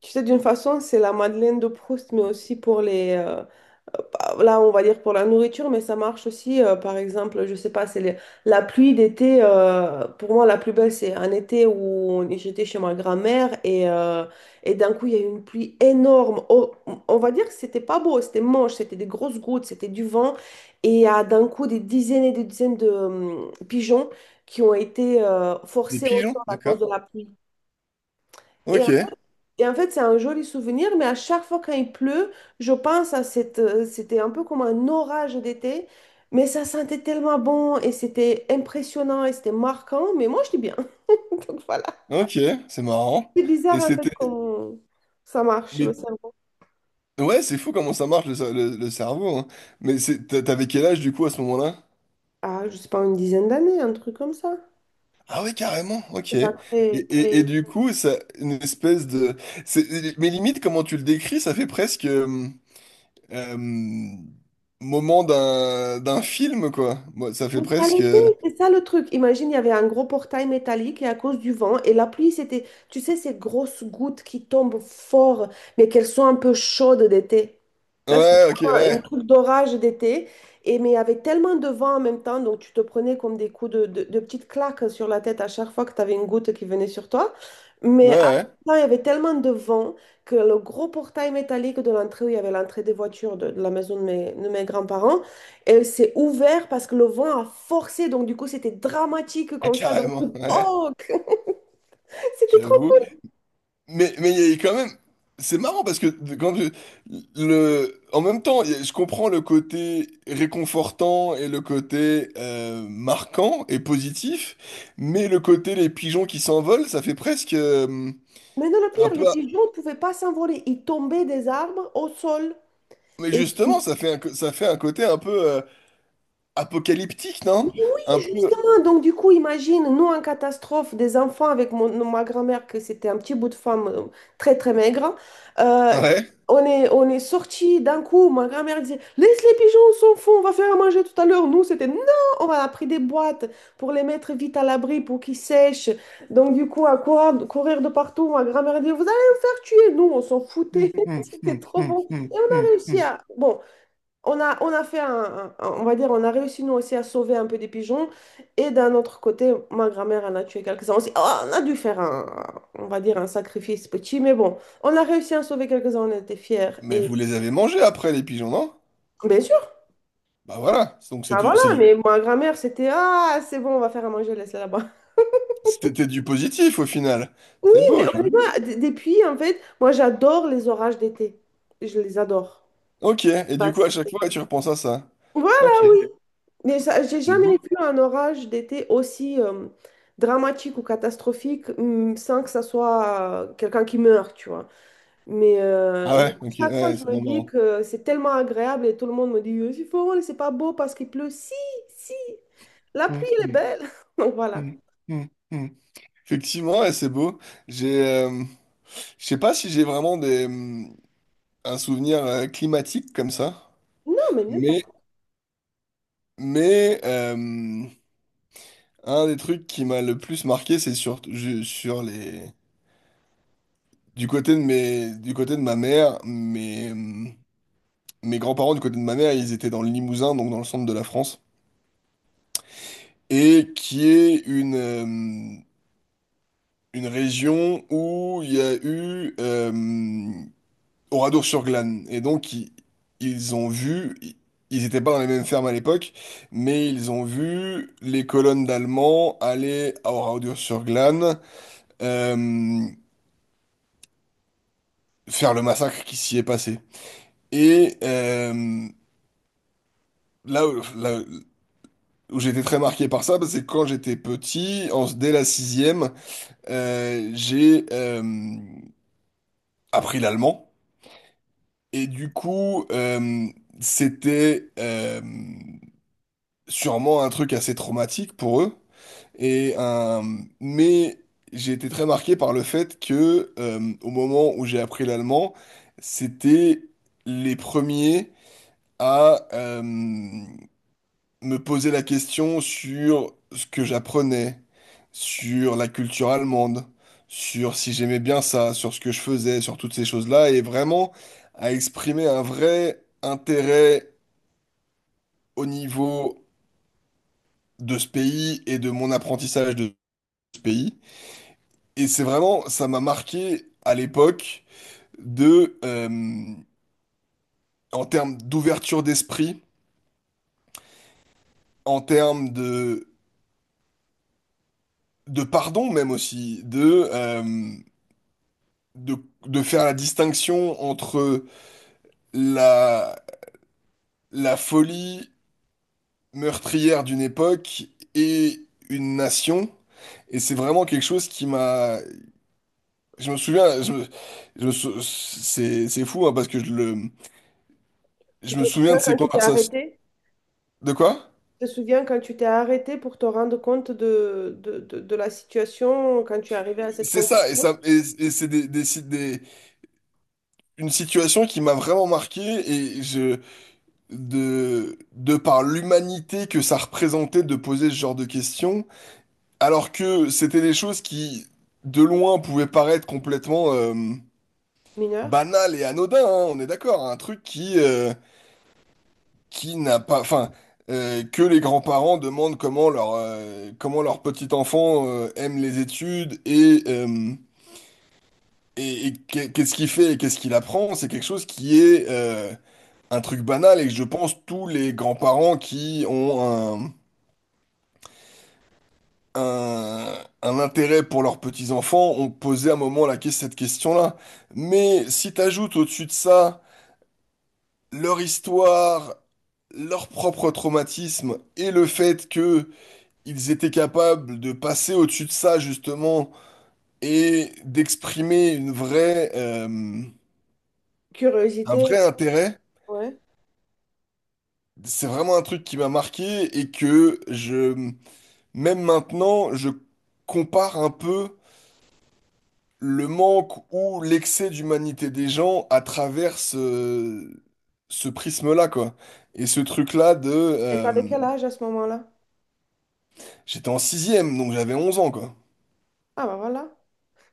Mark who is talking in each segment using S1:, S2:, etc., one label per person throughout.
S1: Tu sais, d'une façon, c'est la Madeleine de Proust, mais aussi pour les, là, on va dire pour la nourriture, mais ça marche aussi, par exemple, je sais pas, c'est la pluie d'été. Pour moi, la plus belle, c'est un été où j'étais chez ma grand-mère et d'un coup, il y a eu une pluie énorme. Oh, on va dire que c'était pas beau, c'était moche, c'était des grosses gouttes, c'était du vent. Et il y a d'un coup des dizaines et des dizaines de pigeons qui ont été
S2: Des
S1: forcés au sol
S2: pigeons,
S1: à
S2: d'accord.
S1: cause de la pluie. Et
S2: Ok,
S1: et en fait, c'est un joli souvenir, mais à chaque fois quand il pleut, je pense à c'était un peu comme un orage d'été, mais ça sentait tellement bon et c'était impressionnant et c'était marquant, mais moi, je dis bien. Donc voilà.
S2: ok, c'est marrant.
S1: C'est bizarre
S2: Et
S1: en fait
S2: c'était.
S1: qu'on... Ça marche, le
S2: Mais
S1: cerveau.
S2: ouais, c'est fou comment ça marche le cerveau, hein. Mais t'avais quel âge du coup à ce moment-là?
S1: Ah, je sais pas, une dizaine d'années, un truc comme ça.
S2: Ah ouais, carrément, ok.
S1: C'est pas très,
S2: Et
S1: très...
S2: du coup, ça, une espèce de. Mais limite, comment tu le décris, ça fait presque. Euh, moment d'un film, quoi. Moi, ça fait
S1: Mais ça
S2: presque.
S1: l'était, c'est ça le truc. Imagine, il y avait un gros portail métallique et à cause du vent et la pluie, c'était, tu sais, ces grosses gouttes qui tombent fort, mais qu'elles sont un peu chaudes d'été. Tu vois, c'est
S2: Ouais, ok,
S1: comme un
S2: ouais.
S1: truc d'orage d'été. Et mais il y avait tellement de vent en même temps, donc tu te prenais comme des coups de petites claques sur la tête à chaque fois que tu avais une goutte qui venait sur toi.
S2: Ouais,
S1: Mais à la
S2: ouais.
S1: fin, il y avait tellement de vent que le gros portail métallique de l'entrée où il y avait l'entrée des voitures de la maison de mes grands-parents, elle s'est ouverte parce que le vent a forcé, donc du coup c'était dramatique
S2: Ah,
S1: comme ça. Dans
S2: carrément,
S1: le
S2: ouais.
S1: poc. C'était trop
S2: J'avoue.
S1: cool.
S2: Mais il y a quand même, c'est marrant parce que en même temps, je comprends le côté réconfortant et le côté marquant et positif, mais le côté les pigeons qui s'envolent, ça fait presque
S1: Maintenant, le
S2: un
S1: pire, les
S2: peu,
S1: pigeons ne pouvaient pas s'envoler. Ils tombaient des arbres au sol.
S2: mais
S1: Et
S2: justement, ça fait ça fait un côté un peu apocalyptique,
S1: mais
S2: non?
S1: oui,
S2: Un peu,
S1: Justin. Donc, du coup, imagine, nous, en catastrophe, des enfants avec ma grand-mère, que c'était un petit bout de femme très, très maigre. Euh,
S2: ouais.
S1: on est sortis d'un coup. Ma grand-mère disait, laisse les pigeons, on s'en fout, on va faire à manger tout à l'heure. Nous, c'était non, on a pris des boîtes pour les mettre vite à l'abri pour qu'ils sèchent. Donc, du coup, à quoi courir de partout. Ma grand-mère disait, vous allez me faire tuer. Nous, on s'en foutait.
S2: Hum, hum,
S1: C'était
S2: hum,
S1: trop
S2: hum,
S1: bon. Et on
S2: hum,
S1: a
S2: hum,
S1: réussi
S2: hum.
S1: à. Bon, on a fait on va dire, on a réussi nous aussi à sauver un peu des pigeons. Et d'un autre côté, ma grand-mère en a tué quelques-uns aussi. Oh, on a dû faire un, on va dire, un sacrifice petit, mais bon, on a réussi à en sauver quelques-uns, on était fiers.
S2: Mais
S1: Et
S2: vous les avez mangés après les pigeons, non?
S1: bien sûr,
S2: Bah voilà, donc c'est
S1: bah
S2: du,
S1: voilà,
S2: c'est du.
S1: mais ma grand-mère, c'était, ah, c'est bon, on va faire à manger, laisse-la là-bas.
S2: C'était du positif au final.
S1: Oui,
S2: C'est
S1: mais
S2: beau, j'avoue.
S1: honnêtement, depuis, en fait, moi, j'adore les orages d'été. Je les adore.
S2: Ok, et du
S1: Bah,
S2: coup, à chaque fois, tu repenses à ça.
S1: voilà,
S2: Ok,
S1: oui. Mais ça, j'ai
S2: c'est
S1: jamais
S2: beau.
S1: vu un orage d'été aussi dramatique ou catastrophique sans que ça soit quelqu'un qui meurt, tu vois.
S2: Ah
S1: Mais à
S2: ouais, ok, ouais,
S1: chaque fois,
S2: ouais,
S1: je
S2: c'est
S1: me
S2: vraiment
S1: dis
S2: marrant.
S1: que c'est tellement agréable et tout le monde me dit, c'est faux, c'est pas beau parce qu'il pleut. Si, si, la
S2: Hum,
S1: pluie, elle est
S2: hum,
S1: belle. Donc voilà.
S2: hum, hum, hum. Effectivement, ouais, c'est beau. J'ai, euh, je sais pas si j'ai vraiment un souvenir climatique comme ça,
S1: Non, mais
S2: mais,
S1: n'importe.
S2: mais euh, un des trucs qui m'a le plus marqué, c'est sur, je- sur les, du côté de mes, du côté de ma mère, mais mes grands-parents du côté de ma mère, ils étaient dans le Limousin, donc dans le centre de la France, et qui est une région où il y a eu Oradour-sur-Glane. Et donc, ils ont vu, ils n'étaient pas dans les mêmes fermes à l'époque, mais ils ont vu les colonnes d'Allemands aller à Oradour-sur-Glane euh, faire le massacre qui s'y est passé. Et là, là, où J'ai été très marqué par ça, parce que quand j'étais petit, dès la sixième, j'ai appris l'allemand. Et du coup, c'était sûrement un truc assez traumatique pour eux. Et, euh, mais j'ai été très marqué par le fait que au moment où j'ai appris l'allemand, c'était les premiers à me poser la question sur ce que j'apprenais, sur la culture allemande, sur si j'aimais bien ça, sur ce que je faisais, sur toutes ces choses-là, et vraiment à exprimer un vrai intérêt au niveau de ce pays et de mon apprentissage de ce pays. Et c'est vraiment, ça m'a marqué à l'époque de, euh, en termes d'ouverture d'esprit, en termes de pardon même aussi, de, de faire la distinction entre la, la folie meurtrière d'une époque et une nation. Et c'est vraiment quelque chose qui m'a... Je me souviens, c'est fou, hein, parce que
S1: Tu
S2: je
S1: te
S2: me souviens
S1: souviens
S2: de ces
S1: quand tu t'es
S2: conversations.
S1: arrêté?
S2: De quoi?
S1: Tu te souviens quand tu t'es arrêté pour te rendre compte de la situation, quand tu es arrivé à cette
S2: C'est ça, et
S1: conclusion?
S2: ça, et c'est des, si- des- une situation qui m'a vraiment marqué, et je, de par l'humanité que ça représentait de poser ce genre de questions. Alors que c'était des choses qui, de loin, pouvaient paraître complètement
S1: Mineur.
S2: banales et anodines, hein, on est d'accord, un truc qui n'a pas, enfin, que les grands-parents demandent comment leur petit enfant aime les études et qu'est-ce qu'il fait et qu'est-ce qu'il apprend, c'est quelque chose qui est un truc banal et que je pense tous les grands-parents qui ont un, un intérêt pour leurs petits-enfants ont posé à un moment cette question-là. Mais si t'ajoutes au-dessus de ça leur histoire, leur propre traumatisme et le fait que ils étaient capables de passer au-dessus de ça justement et d'exprimer un
S1: Curiosité,
S2: vrai intérêt,
S1: ouais.
S2: c'est vraiment un truc qui m'a marqué et que même maintenant, je compare un peu le manque ou l'excès d'humanité des gens à travers ce, ce prisme-là, quoi. Et ce truc-là de...
S1: Et t'avais
S2: euh,
S1: quel âge à ce moment-là?
S2: j'étais en sixième, donc j'avais 11 ans, quoi.
S1: Ah bah voilà.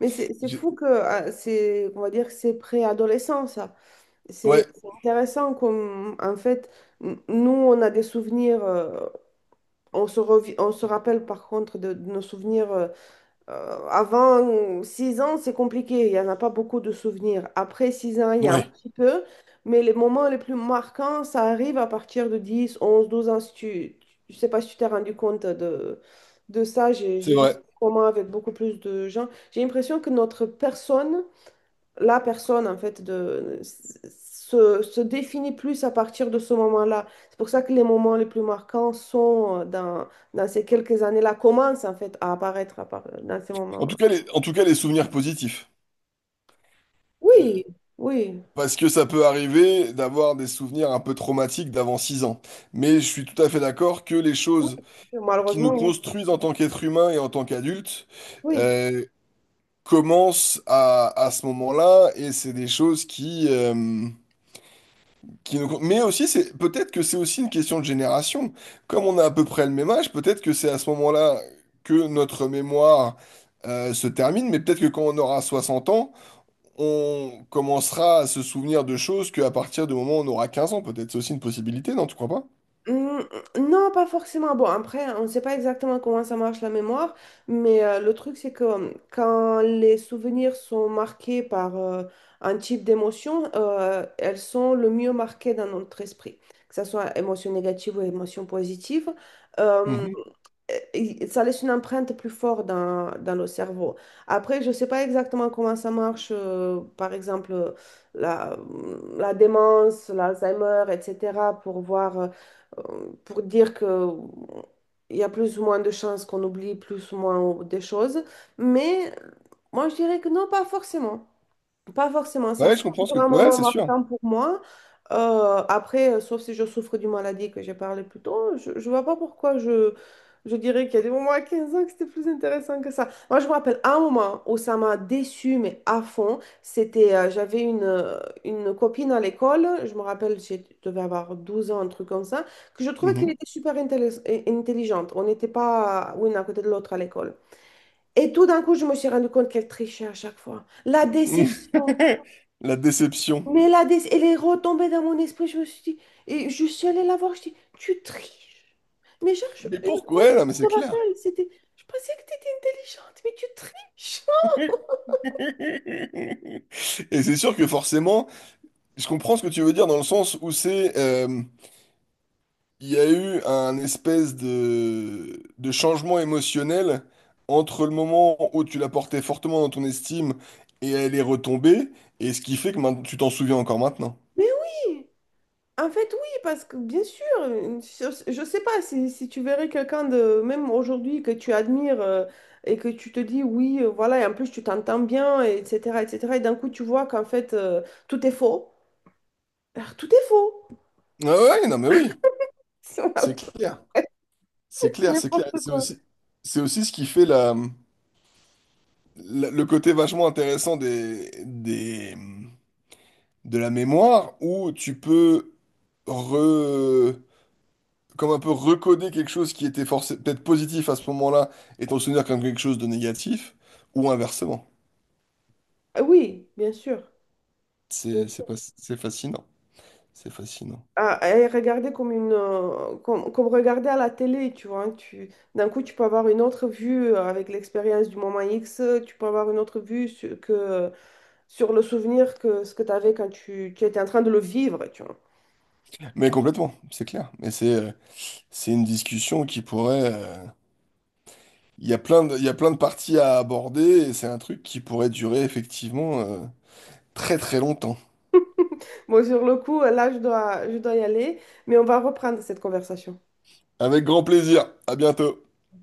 S1: Mais c'est
S2: J'ai-
S1: fou que ah, c'est, on va dire que c'est préadolescent, ça. C'est
S2: ouais,
S1: c'est intéressant comme, en fait, nous, on a des souvenirs, on se rappelle par contre de nos souvenirs avant 6 ans, c'est compliqué, il n'y en a pas beaucoup de souvenirs. Après 6 ans, il y a un
S2: ouais,
S1: petit peu, mais les moments les plus marquants, ça arrive à partir de 10, 11, 12 ans. Si tu, je sais pas si tu t'es rendu compte de, ça, j'ai
S2: c'est
S1: j'ai vu
S2: vrai.
S1: ça comment avec beaucoup plus de gens. J'ai l'impression que notre personne la personne, en fait, se définit plus à partir de ce moment-là. C'est pour ça que les moments les plus marquants sont dans ces quelques années-là, commencent, en fait, à apparaître dans ces
S2: En tout
S1: moments.
S2: cas, les, en tout cas, les souvenirs positifs.
S1: Oui, oui,
S2: Parce que ça peut arriver d'avoir des souvenirs un peu traumatiques d'avant 6 ans. Mais je suis tout à fait d'accord que les
S1: oui,
S2: choses qui nous
S1: malheureusement, oui.
S2: construisent en tant qu'être humain et en tant qu'adulte
S1: Oui.
S2: commence à ce moment-là et c'est des choses qui nous... Mais aussi, c'est peut-être que c'est aussi une question de génération. Comme on a à peu près le même âge, peut-être que c'est à ce moment-là que notre mémoire se termine, mais peut-être que quand on aura 60 ans, on commencera à se souvenir de choses qu'à partir du moment où on aura 15 ans, peut-être. C'est aussi une possibilité, non, tu crois pas?
S1: Hmm, non, pas forcément. Bon, après, on ne sait pas exactement comment ça marche la mémoire, mais le truc, c'est que quand les souvenirs sont marqués par un type d'émotion, elles sont le mieux marquées dans notre esprit, que ce soit émotion négative ou émotion positive
S2: Mhm.
S1: et ça laisse une empreinte plus forte dans le cerveau. Après, je ne sais pas exactement comment ça marche, par exemple, la démence, l'Alzheimer, etc., pour voir, pour dire que il y a plus ou moins de chances qu'on oublie plus ou moins des choses. Mais moi, je dirais que non, pas forcément. Pas forcément, ça
S2: Ouais, je
S1: sera
S2: comprends ce
S1: toujours un
S2: que... ouais,
S1: moment
S2: c'est sûr.
S1: marquant pour moi. Après, sauf si je souffre d'une maladie que j'ai parlé plus tôt, je ne vois pas pourquoi je, dirais qu'il y a des moments à 15 ans que c'était plus intéressant que ça. Moi, je me rappelle un moment où ça m'a déçue, mais à fond. C'était, j'avais une copine à l'école, je me rappelle, je devais avoir 12 ans, un truc comme ça, que je trouvais qu'elle
S2: Mhm.
S1: était super intelligente. On n'était pas une à côté de l'autre à l'école. Et tout d'un coup, je me suis rendu compte qu'elle trichait à chaque fois. La déception.
S2: La déception.
S1: Mais là, elle est retombée dans mon esprit. Je me suis dit, et je suis allée la voir. Je dis, tu triches. Mais genre, je,
S2: Mais
S1: je
S2: pourquoi? Ouais, non, mais c'est
S1: me
S2: clair.
S1: rappelle, c'était, je pensais que tu étais intelligente, mais tu triches.
S2: Et c'est sûr que forcément, je comprends ce que tu veux dire dans le sens où il y a eu un espèce de changement émotionnel entre le moment où tu la portais fortement dans ton estime et elle est retombée, et ce qui fait que maintenant, tu t'en souviens encore maintenant.
S1: Mais oui, en fait, oui, parce que bien sûr, je sais pas si tu verrais quelqu'un de, même aujourd'hui, que tu admires et que tu te dis, oui, voilà, et en plus, tu t'entends bien, et etc., etc., et d'un coup, tu vois qu'en fait, tout est faux. Alors, tout est faux.
S2: Ah ouais, non mais oui,
S1: Voilà,
S2: c'est clair, c'est clair, c'est clair.
S1: n'importe quoi.
S2: C'est aussi ce qui fait le côté vachement intéressant des, de la mémoire où tu peux re... comme un peu recoder quelque chose qui était peut-être positif à ce moment-là et t'en souvenir comme quelque chose de négatif, ou inversement.
S1: Ah oui, bien sûr. Bien
S2: C'est
S1: sûr.
S2: pas... c'est fascinant. C'est fascinant.
S1: Ah, et regarder comme une comme regarder à la télé, tu vois, hein. D'un coup, tu peux avoir une autre vue avec l'expérience du moment X, tu peux avoir une autre vue sur le souvenir que ce que tu avais quand tu étais en train de le vivre, tu vois.
S2: Mais complètement, c'est clair. Mais c'est une discussion qui pourrait... il y a plein de... il y a plein de parties à aborder et c'est un truc qui pourrait durer effectivement très très longtemps.
S1: Bon, sur le coup, là, je dois y aller, mais on va reprendre cette conversation.
S2: Avec grand plaisir. À bientôt.